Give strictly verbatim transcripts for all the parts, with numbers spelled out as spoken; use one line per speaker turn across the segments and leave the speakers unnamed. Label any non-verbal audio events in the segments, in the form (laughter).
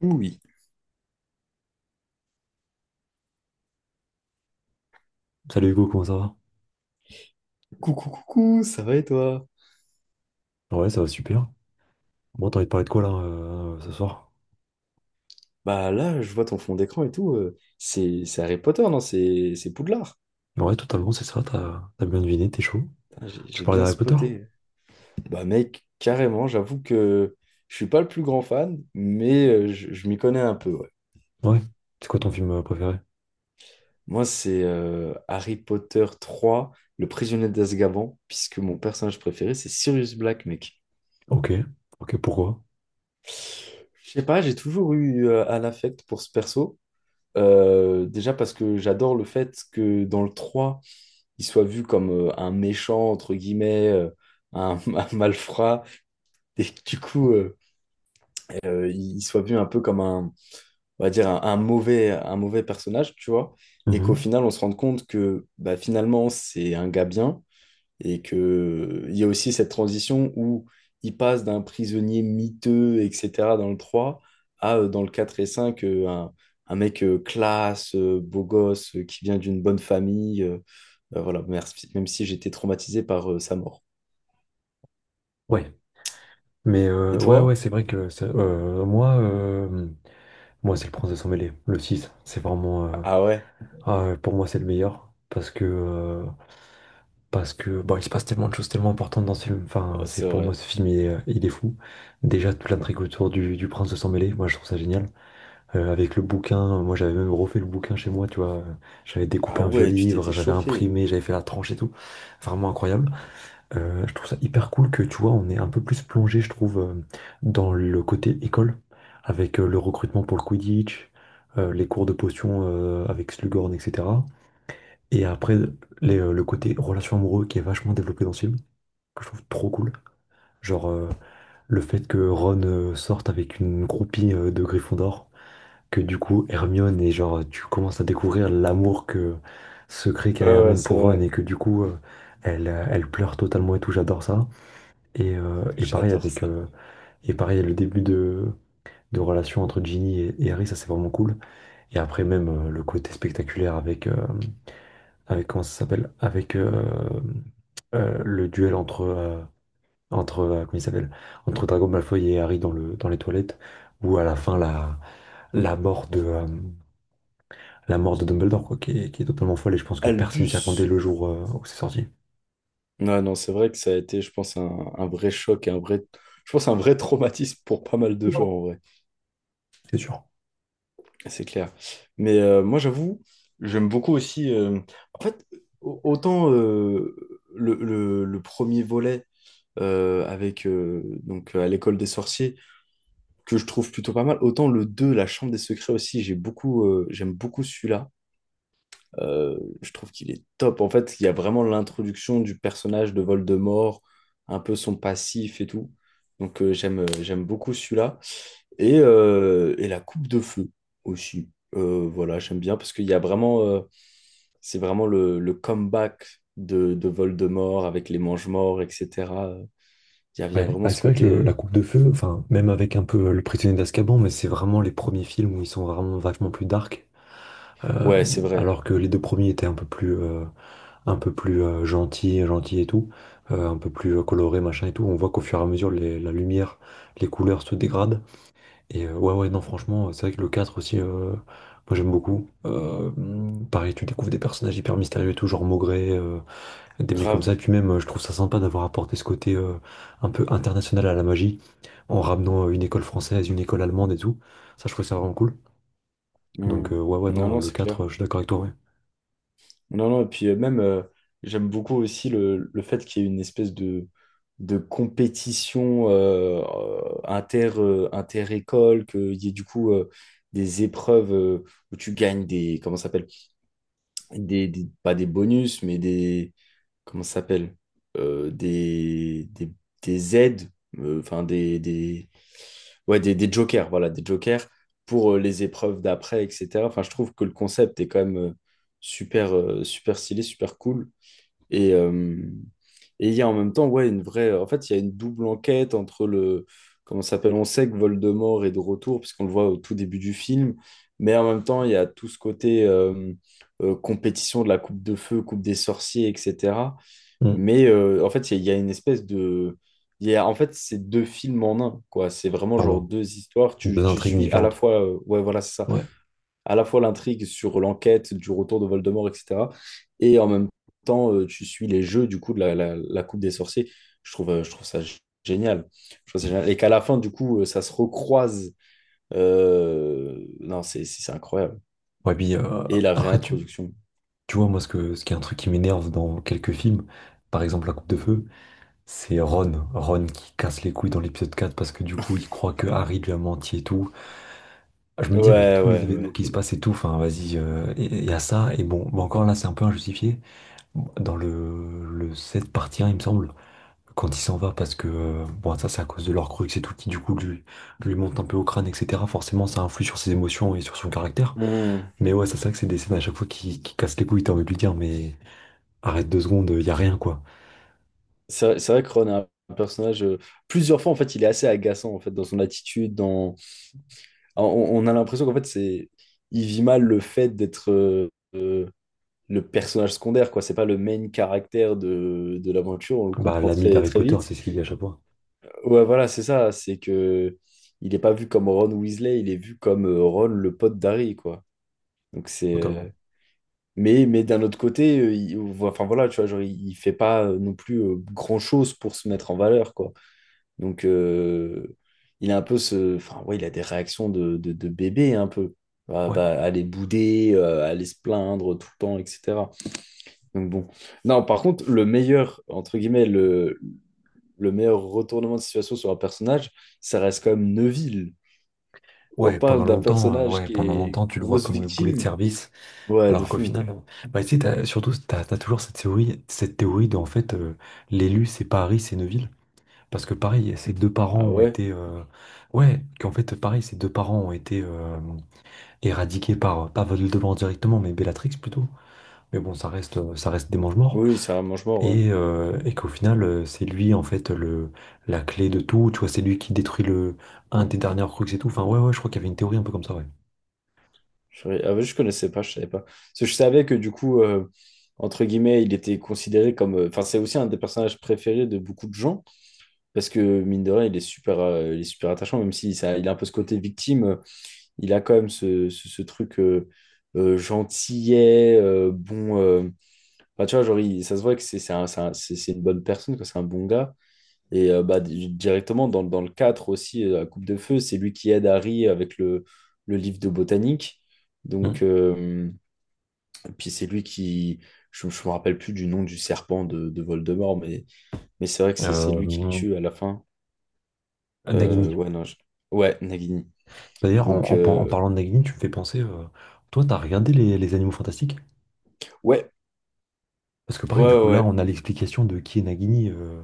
Oui.
Salut Hugo, comment ça va?
Coucou, coucou, ça va et toi?
Ouais, ça va super. Bon, t'as envie de parler de quoi là euh, ce soir?
Bah là, je vois ton fond d'écran et tout. euh, c'est c'est Harry Potter, non? C'est c'est Poudlard.
Ouais, totalement, c'est ça, t'as t'as bien deviné, t'es chaud.
Putain, J'ai
Tu veux
j'ai
parler
bien
d'Harry Potter?
spoté. Bah mec, carrément, j'avoue que je suis pas le plus grand fan, mais euh, je, je m'y connais un peu, ouais.
Ouais. C'est quoi ton film euh, préféré?
Moi, c'est euh, Harry Potter trois, le prisonnier d'Azkaban, puisque mon personnage préféré, c'est Sirius Black, mec.
Ok, ok, pourquoi?
Je sais pas, j'ai toujours eu euh, un affect pour ce perso. Euh, déjà parce que j'adore le fait que dans le trois. Il soit vu comme euh, un méchant, entre guillemets, euh, un, (laughs) un malfrat, et que du coup, euh, euh, il soit vu un peu comme un, on va dire, un, un mauvais, un mauvais personnage, tu vois, et qu'au
Mhm.
final, on se rende compte que bah, finalement, c'est un gars bien, et que il y a aussi cette transition où il passe d'un prisonnier miteux, et cetera, dans le trois à, euh, dans le quatre et cinq euh, un, un mec euh, classe, euh, beau gosse, euh, qui vient d'une bonne famille, euh, ben voilà, merci, même si j'étais traumatisé par euh, sa mort.
Ouais. Mais
Et
euh, ouais, ouais,
toi?
c'est vrai que ça- euh, moi, euh, moi c'est le Princesse Emmêlée, le six. C'est vraiment. Euh,
Ah ouais.
ah, euh, pour moi, c'est le meilleur. Parce que. euh, parce que. Bon, il se passe tellement de choses tellement importantes dans ce film. Enfin,
Ouais,
c'est
c'est
pour moi,
vrai.
ce film, il est, il est fou. Déjà, toute l'intrigue autour du, du Prince de Sang-Mêlé, moi, je trouve ça génial. Euh, avec le bouquin. Moi, j'avais même refait le bouquin chez moi, tu vois. euh, J'avais découpé
Ah
un vieux
ouais, tu
livre,
t'étais
j'avais
chauffé.
imprimé, j'avais fait la tranche et tout. Vraiment incroyable. Euh, je trouve ça hyper cool que, tu vois, on est un peu plus plongé, je trouve, euh, dans le côté école, avec euh, le recrutement pour le Quidditch, euh, les cours de potions euh, avec Slughorn, et cetera. Et après, les, euh, le côté relation amoureuse qui est vachement développé dans ce film, que je trouve trop cool. Genre, euh, le fait que Ron euh, sorte avec une groupie euh, de Gryffondor, que du coup Hermione et genre tu commences à découvrir l'amour que secret qu'a
Ouais, ouais,
Hermione
c'est
pour Ron
vrai.
et que du coup euh, elle, euh, elle pleure totalement et tout, j'adore ça. Et, euh, et pareil
J'adore
avec
ça.
euh, et pareil le début de, de relation entre Ginny et, et Harry, ça c'est vraiment cool. Et après même euh, le côté spectaculaire avec euh, avec comment ça s'appelle? Avec euh, euh, le duel entre euh, entre euh, comment il s'appelle? Entre Drago Malfoy et Harry dans le dans les toilettes où à la fin la la mort de euh, la mort de Dumbledore, quoi, qui est, qui est totalement folle, et je pense que personne s'y attendait
Albus.
le jour euh, où c'est sorti,
Non, non, c'est vrai que ça a été, je pense, un, un vrai choc, et un vrai, je pense, un vrai traumatisme pour pas mal de gens, en vrai.
c'est sûr.
C'est clair. Mais euh, moi, j'avoue, j'aime beaucoup aussi. euh, En fait, au- autant euh, le, le- le premier volet euh, avec euh, donc à l'école des sorciers. Que je trouve plutôt pas mal. Autant le deux La Chambre des Secrets aussi, j'ai beaucoup, euh, j'aime beaucoup celui-là. Euh, je trouve qu'il est top. En fait, il y a vraiment l'introduction du personnage de Voldemort, un peu son passif et tout. Donc euh, j'aime, euh, j'aime beaucoup celui-là. Et, euh, et La Coupe de Feu aussi. Euh, voilà, j'aime bien parce qu'il y a vraiment, euh, c'est vraiment le, le comeback de, de Voldemort avec les Mangemorts, et cetera. Il y a, il y a
Ouais,
vraiment
bah,
ce
c'est vrai que
côté.
le-
Euh,
la coupe de feu, enfin, même avec un peu euh, Le Prisonnier d'Azkaban, mais c'est vraiment les premiers films où ils sont vraiment vachement plus dark, euh,
Ouais, c'est vrai.
alors que les deux premiers étaient un peu plus, euh, un peu plus euh, gentils, gentils et tout, euh, un peu plus euh, colorés, machin et tout. On voit qu'au fur et à mesure, les- la lumière, les couleurs se dégradent. Et euh, ouais, ouais, non, franchement, c'est vrai que le quatre aussi, euh, moi j'aime beaucoup. Euh, pareil, tu découvres des personnages hyper mystérieux et tout, genre Maugré. Euh, des mecs comme ça. Et
Grave.
puis même, euh, je trouve ça sympa d'avoir apporté ce côté euh, un peu international à la magie, en ramenant euh, une école française, une école allemande et tout. Ça, je trouve ça vraiment cool. Donc,
Hmm.
euh, ouais, ouais,
Non,
non, euh,
non,
le
c'est
quatre
clair.
euh, je suis d'accord avec toi, ouais.
Non, non, et puis euh, même, euh, j'aime beaucoup aussi le, le fait qu'il y ait une espèce de, de compétition euh, euh, inter, euh, inter-école, qu'il y ait du coup euh, des épreuves euh, où tu gagnes des, comment ça s'appelle, des, des- pas des bonus, mais des, comment ça s'appelle? Euh, des, des, des aides, euh, enfin des, des, ouais, des, des jokers, voilà, des jokers pour euh, les épreuves d'après, et cetera. Enfin, je trouve que le concept est quand même euh, super, euh, super stylé, super cool. Et, euh, et il y a en même temps, ouais, une vraie. En fait, il y a une double enquête entre le. Comment ça s'appelle? On sait que Voldemort est de retour, puisqu'on le voit au tout début du film. Mais en même temps, il y a tout ce côté euh, euh, compétition de la coupe de feu, coupe des sorciers, et cetera.
Mm.
Mais euh, en fait, il y, a il y a une espèce de… Il y a, en fait, c'est deux films en un, quoi. C'est vraiment genre
Clairement.
deux histoires. Tu,
Deux
tu
intrigues
suis à la
différentes.
fois… euh, ouais, voilà, c'est ça.
Ouais.
À la fois l'intrigue sur l'enquête du retour de Voldemort, et cetera. Et en même temps, euh, tu suis les jeux, du coup, de la, la, la Coupe des Sorciers. Je trouve, euh, je trouve ça g- génial. Je trouve ça génial. Et qu'à la fin, du coup, euh, ça se recroise. Euh, Non, c'est c'est- c'est incroyable.
Ouais, puis euh,
Et la
après, tu,
réintroduction.
tu vois, moi, ce que, ce qui est un truc qui m'énerve dans quelques films, par exemple La Coupe de Feu, c'est Ron. Ron qui casse les couilles dans l'épisode quatre parce que du coup, il croit que Harry lui a menti et tout. Ah, Je me dis avec
Ouais,
tous les événements
ouais,
qui se passent et tout, enfin vas-y, euh, il y a ça, et bon, bah encore là c'est un peu injustifié. Dans le, le sept partie un, il me semble, quand il s'en va, parce que euh, bon ça c'est à cause de leur crux et tout, qui du coup lui, lui monte un peu au crâne, et cetera. Forcément ça influe sur ses émotions et sur son caractère.
ouais.
Mais ouais, c'est ça que c'est des scènes à chaque fois qui, qui cassent les couilles, t'as envie de lui dire, mais arrête deux secondes, il y a rien quoi.
C'est vrai, c'est vrai que Ron est un un personnage, euh, plusieurs fois, en fait, il est assez agaçant, en fait, dans son attitude, dans… ah, On, on a l'impression qu'en fait, c'est… Il vit mal le fait d'être euh, euh, le personnage secondaire, quoi. C'est pas le main caractère de, de l'aventure, on le
Bah
comprend
l'ami
très,
d'Harry
très
Potter,
vite.
c'est ce qu'il dit à chaque fois,
Ouais, voilà, c'est ça, c'est que… Il n'est pas vu comme Ron Weasley, il est vu comme euh, Ron, le pote d'Harry, quoi. Donc c'est… euh,
totalement.
Mais, mais d'un autre côté, euh, il… Enfin voilà, tu vois, genre, il, il fait pas euh, non plus euh, grand-chose pour se mettre en valeur, quoi. Donc, euh, il a un peu ce. Enfin, ouais, il a des réactions de, de, de bébé, un peu. Va,
Ouais.
va aller bouder, euh, aller se plaindre tout le temps, et cetera. Donc, bon. Non, par contre, le meilleur, entre guillemets, le, le meilleur retournement de situation sur un personnage, ça reste quand même Neville. On
Ouais, pendant
parle d'un
longtemps, euh,
personnage
ouais,
qui
pendant
est
longtemps, tu le vois
grosse
comme le boulet de
victime.
service.
Ouais, de
Alors qu'au
fou.
final, euh, bah, tu sais, t'as- surtout, t'as, t'as, toujours cette théorie, cette théorie de, en fait, euh, l'élu, c'est Paris, c'est Neuville. Parce que pareil, ses deux parents
Ah
ont
ouais?
été... euh, ouais, qu'en fait, pareil, ses deux parents ont été euh, éradiqués par, pas Voldemort directement, mais Bellatrix plutôt. Mais bon, ça reste, euh, ça reste des mange-morts.
Oui, c'est un mange-mort, ouais.
Et, euh, et qu'au final, euh, c'est lui, en fait, le, la clé de tout. Tu vois, c'est lui qui détruit le, un des derniers Horcruxes et tout. Enfin, ouais, ouais, je crois qu'il y avait une théorie un peu comme ça, ouais.
Je, ah ouais, je connaissais pas, je savais pas. Parce que je savais que du coup, euh, entre guillemets, il était considéré comme. Euh, enfin, c'est aussi un des personnages préférés de beaucoup de gens. Parce que mine de rien, il est super, euh, il est super attachant, même si ça, il a un peu ce côté victime. euh, Il a quand même ce, ce, ce truc euh, euh, gentillet, euh, bon. Euh, bah, tu vois, genre, il- ça se voit que c'est c'est un- c'est un- c'est- c'est une bonne personne, que c'est un bon gars. Et euh, bah, di- directement, dans, dans le quatre aussi, euh, la Coupe de Feu, c'est lui qui aide Harry avec le, le livre de botanique. Donc.
Hum.
Euh, puis c'est lui qui, je, je me rappelle plus du nom du serpent de, de Voldemort, mais, mais c'est vrai que c'est c'est lui qui le
Euh,
tue à la fin. Euh,
Nagini.
ouais, non, je- ouais, Nagini.
D'ailleurs, en,
Donc,
en par- en
euh,
parlant de Nagini, tu me fais penser, euh, toi, t'as regardé les, les Animaux Fantastiques?
ouais,
Parce que
ouais,
pareil, du coup,
ouais,
là,
ouais.
on a l'explication de qui est Nagini. euh,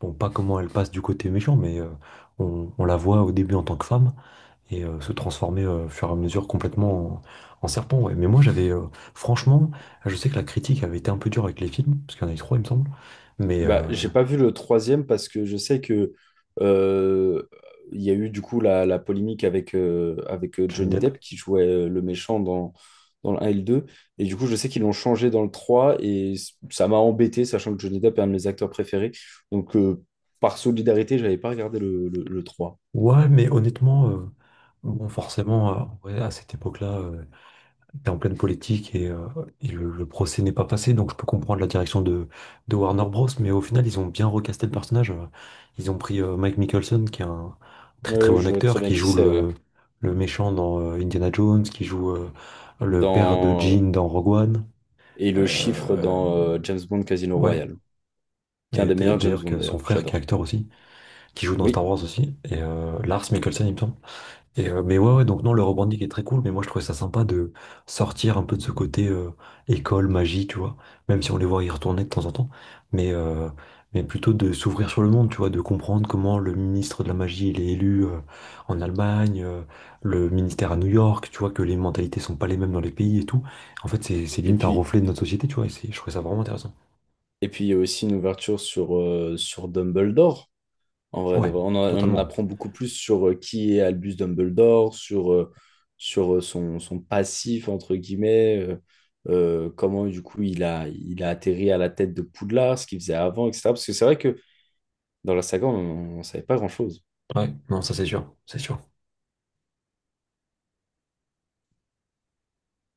Bon, pas comment elle passe du côté méchant, mais euh, on, on la voit au début en tant que femme et euh, se transformer euh, au fur et à mesure complètement en, en serpent. Ouais. Mais moi, j'avais, euh, franchement, je sais que la critique avait été un peu dure avec les films, parce qu'il y en a eu trois, il me semble. Mais
Bah,
euh,
j'ai pas vu le troisième parce que je sais que euh, il y a eu du coup la, la polémique avec, euh, avec euh,
Johnny
Johnny
Depp.
Depp qui jouait euh, le méchant dans, dans le un et le deux. Et du coup, je sais qu'ils l'ont changé dans le trois et c- ça m'a embêté, sachant que Johnny Depp est un de mes acteurs préférés. Donc, euh, par solidarité, j'avais pas regardé le, le, le trois.
Ouais, mais honnêtement, euh, bon, forcément, euh, ouais, à cette époque-là. euh, T'es en pleine politique et, euh, et le, le procès n'est pas passé, donc je peux comprendre la direction de, de Warner Bros. Mais au final, ils ont bien recasté le personnage. euh. Ils ont pris euh, Mike Mickelson, qui est un très très
Euh,
bon
je vois très
acteur,
bien
qui
qui
joue
c'est, ouais.
le, le méchant dans euh, Indiana Jones, qui joue euh, le père de
Dans…
Jean dans Rogue One.
Et le chiffre
Euh,
dans euh, James Bond Casino
ouais,
Royale, qui est un
et
des meilleurs James
d'ailleurs
Bond
que son
d'ailleurs,
frère qui est
j'adore.
acteur aussi, qui joue dans Star
Oui.
Wars aussi, et euh, Lars Mikkelsen, il me semble. Et, euh, mais ouais, ouais, donc non, le rebranding est très cool, mais moi je trouvais ça sympa de sortir un peu de ce côté euh, école, magie, tu vois, même si on les voit y retourner de temps en temps, mais, euh, mais plutôt de s'ouvrir sur le monde, tu vois, de comprendre comment le ministre de la magie il est élu euh, en Allemagne, euh, le ministère à New York, tu vois, que les mentalités sont pas les mêmes dans les pays et tout. En fait, c'est c'est
Et
limite un
puis,
reflet de notre société, tu vois, et c'est- je trouvais ça vraiment intéressant.
et puis, il y a aussi une ouverture sur, euh, sur Dumbledore. En vrai, de
Ouais,
vrai. On, en on en
totalement.
apprend beaucoup plus sur euh, qui est Albus Dumbledore, sur, euh, sur euh, son, son passif, entre guillemets, euh, euh, comment du coup il a, il a atterri à la tête de Poudlard, ce qu'il faisait avant, et cetera. Parce que c'est vrai que dans la saga, on ne savait pas grand-chose.
Ouais, non, ça c'est sûr, c'est sûr.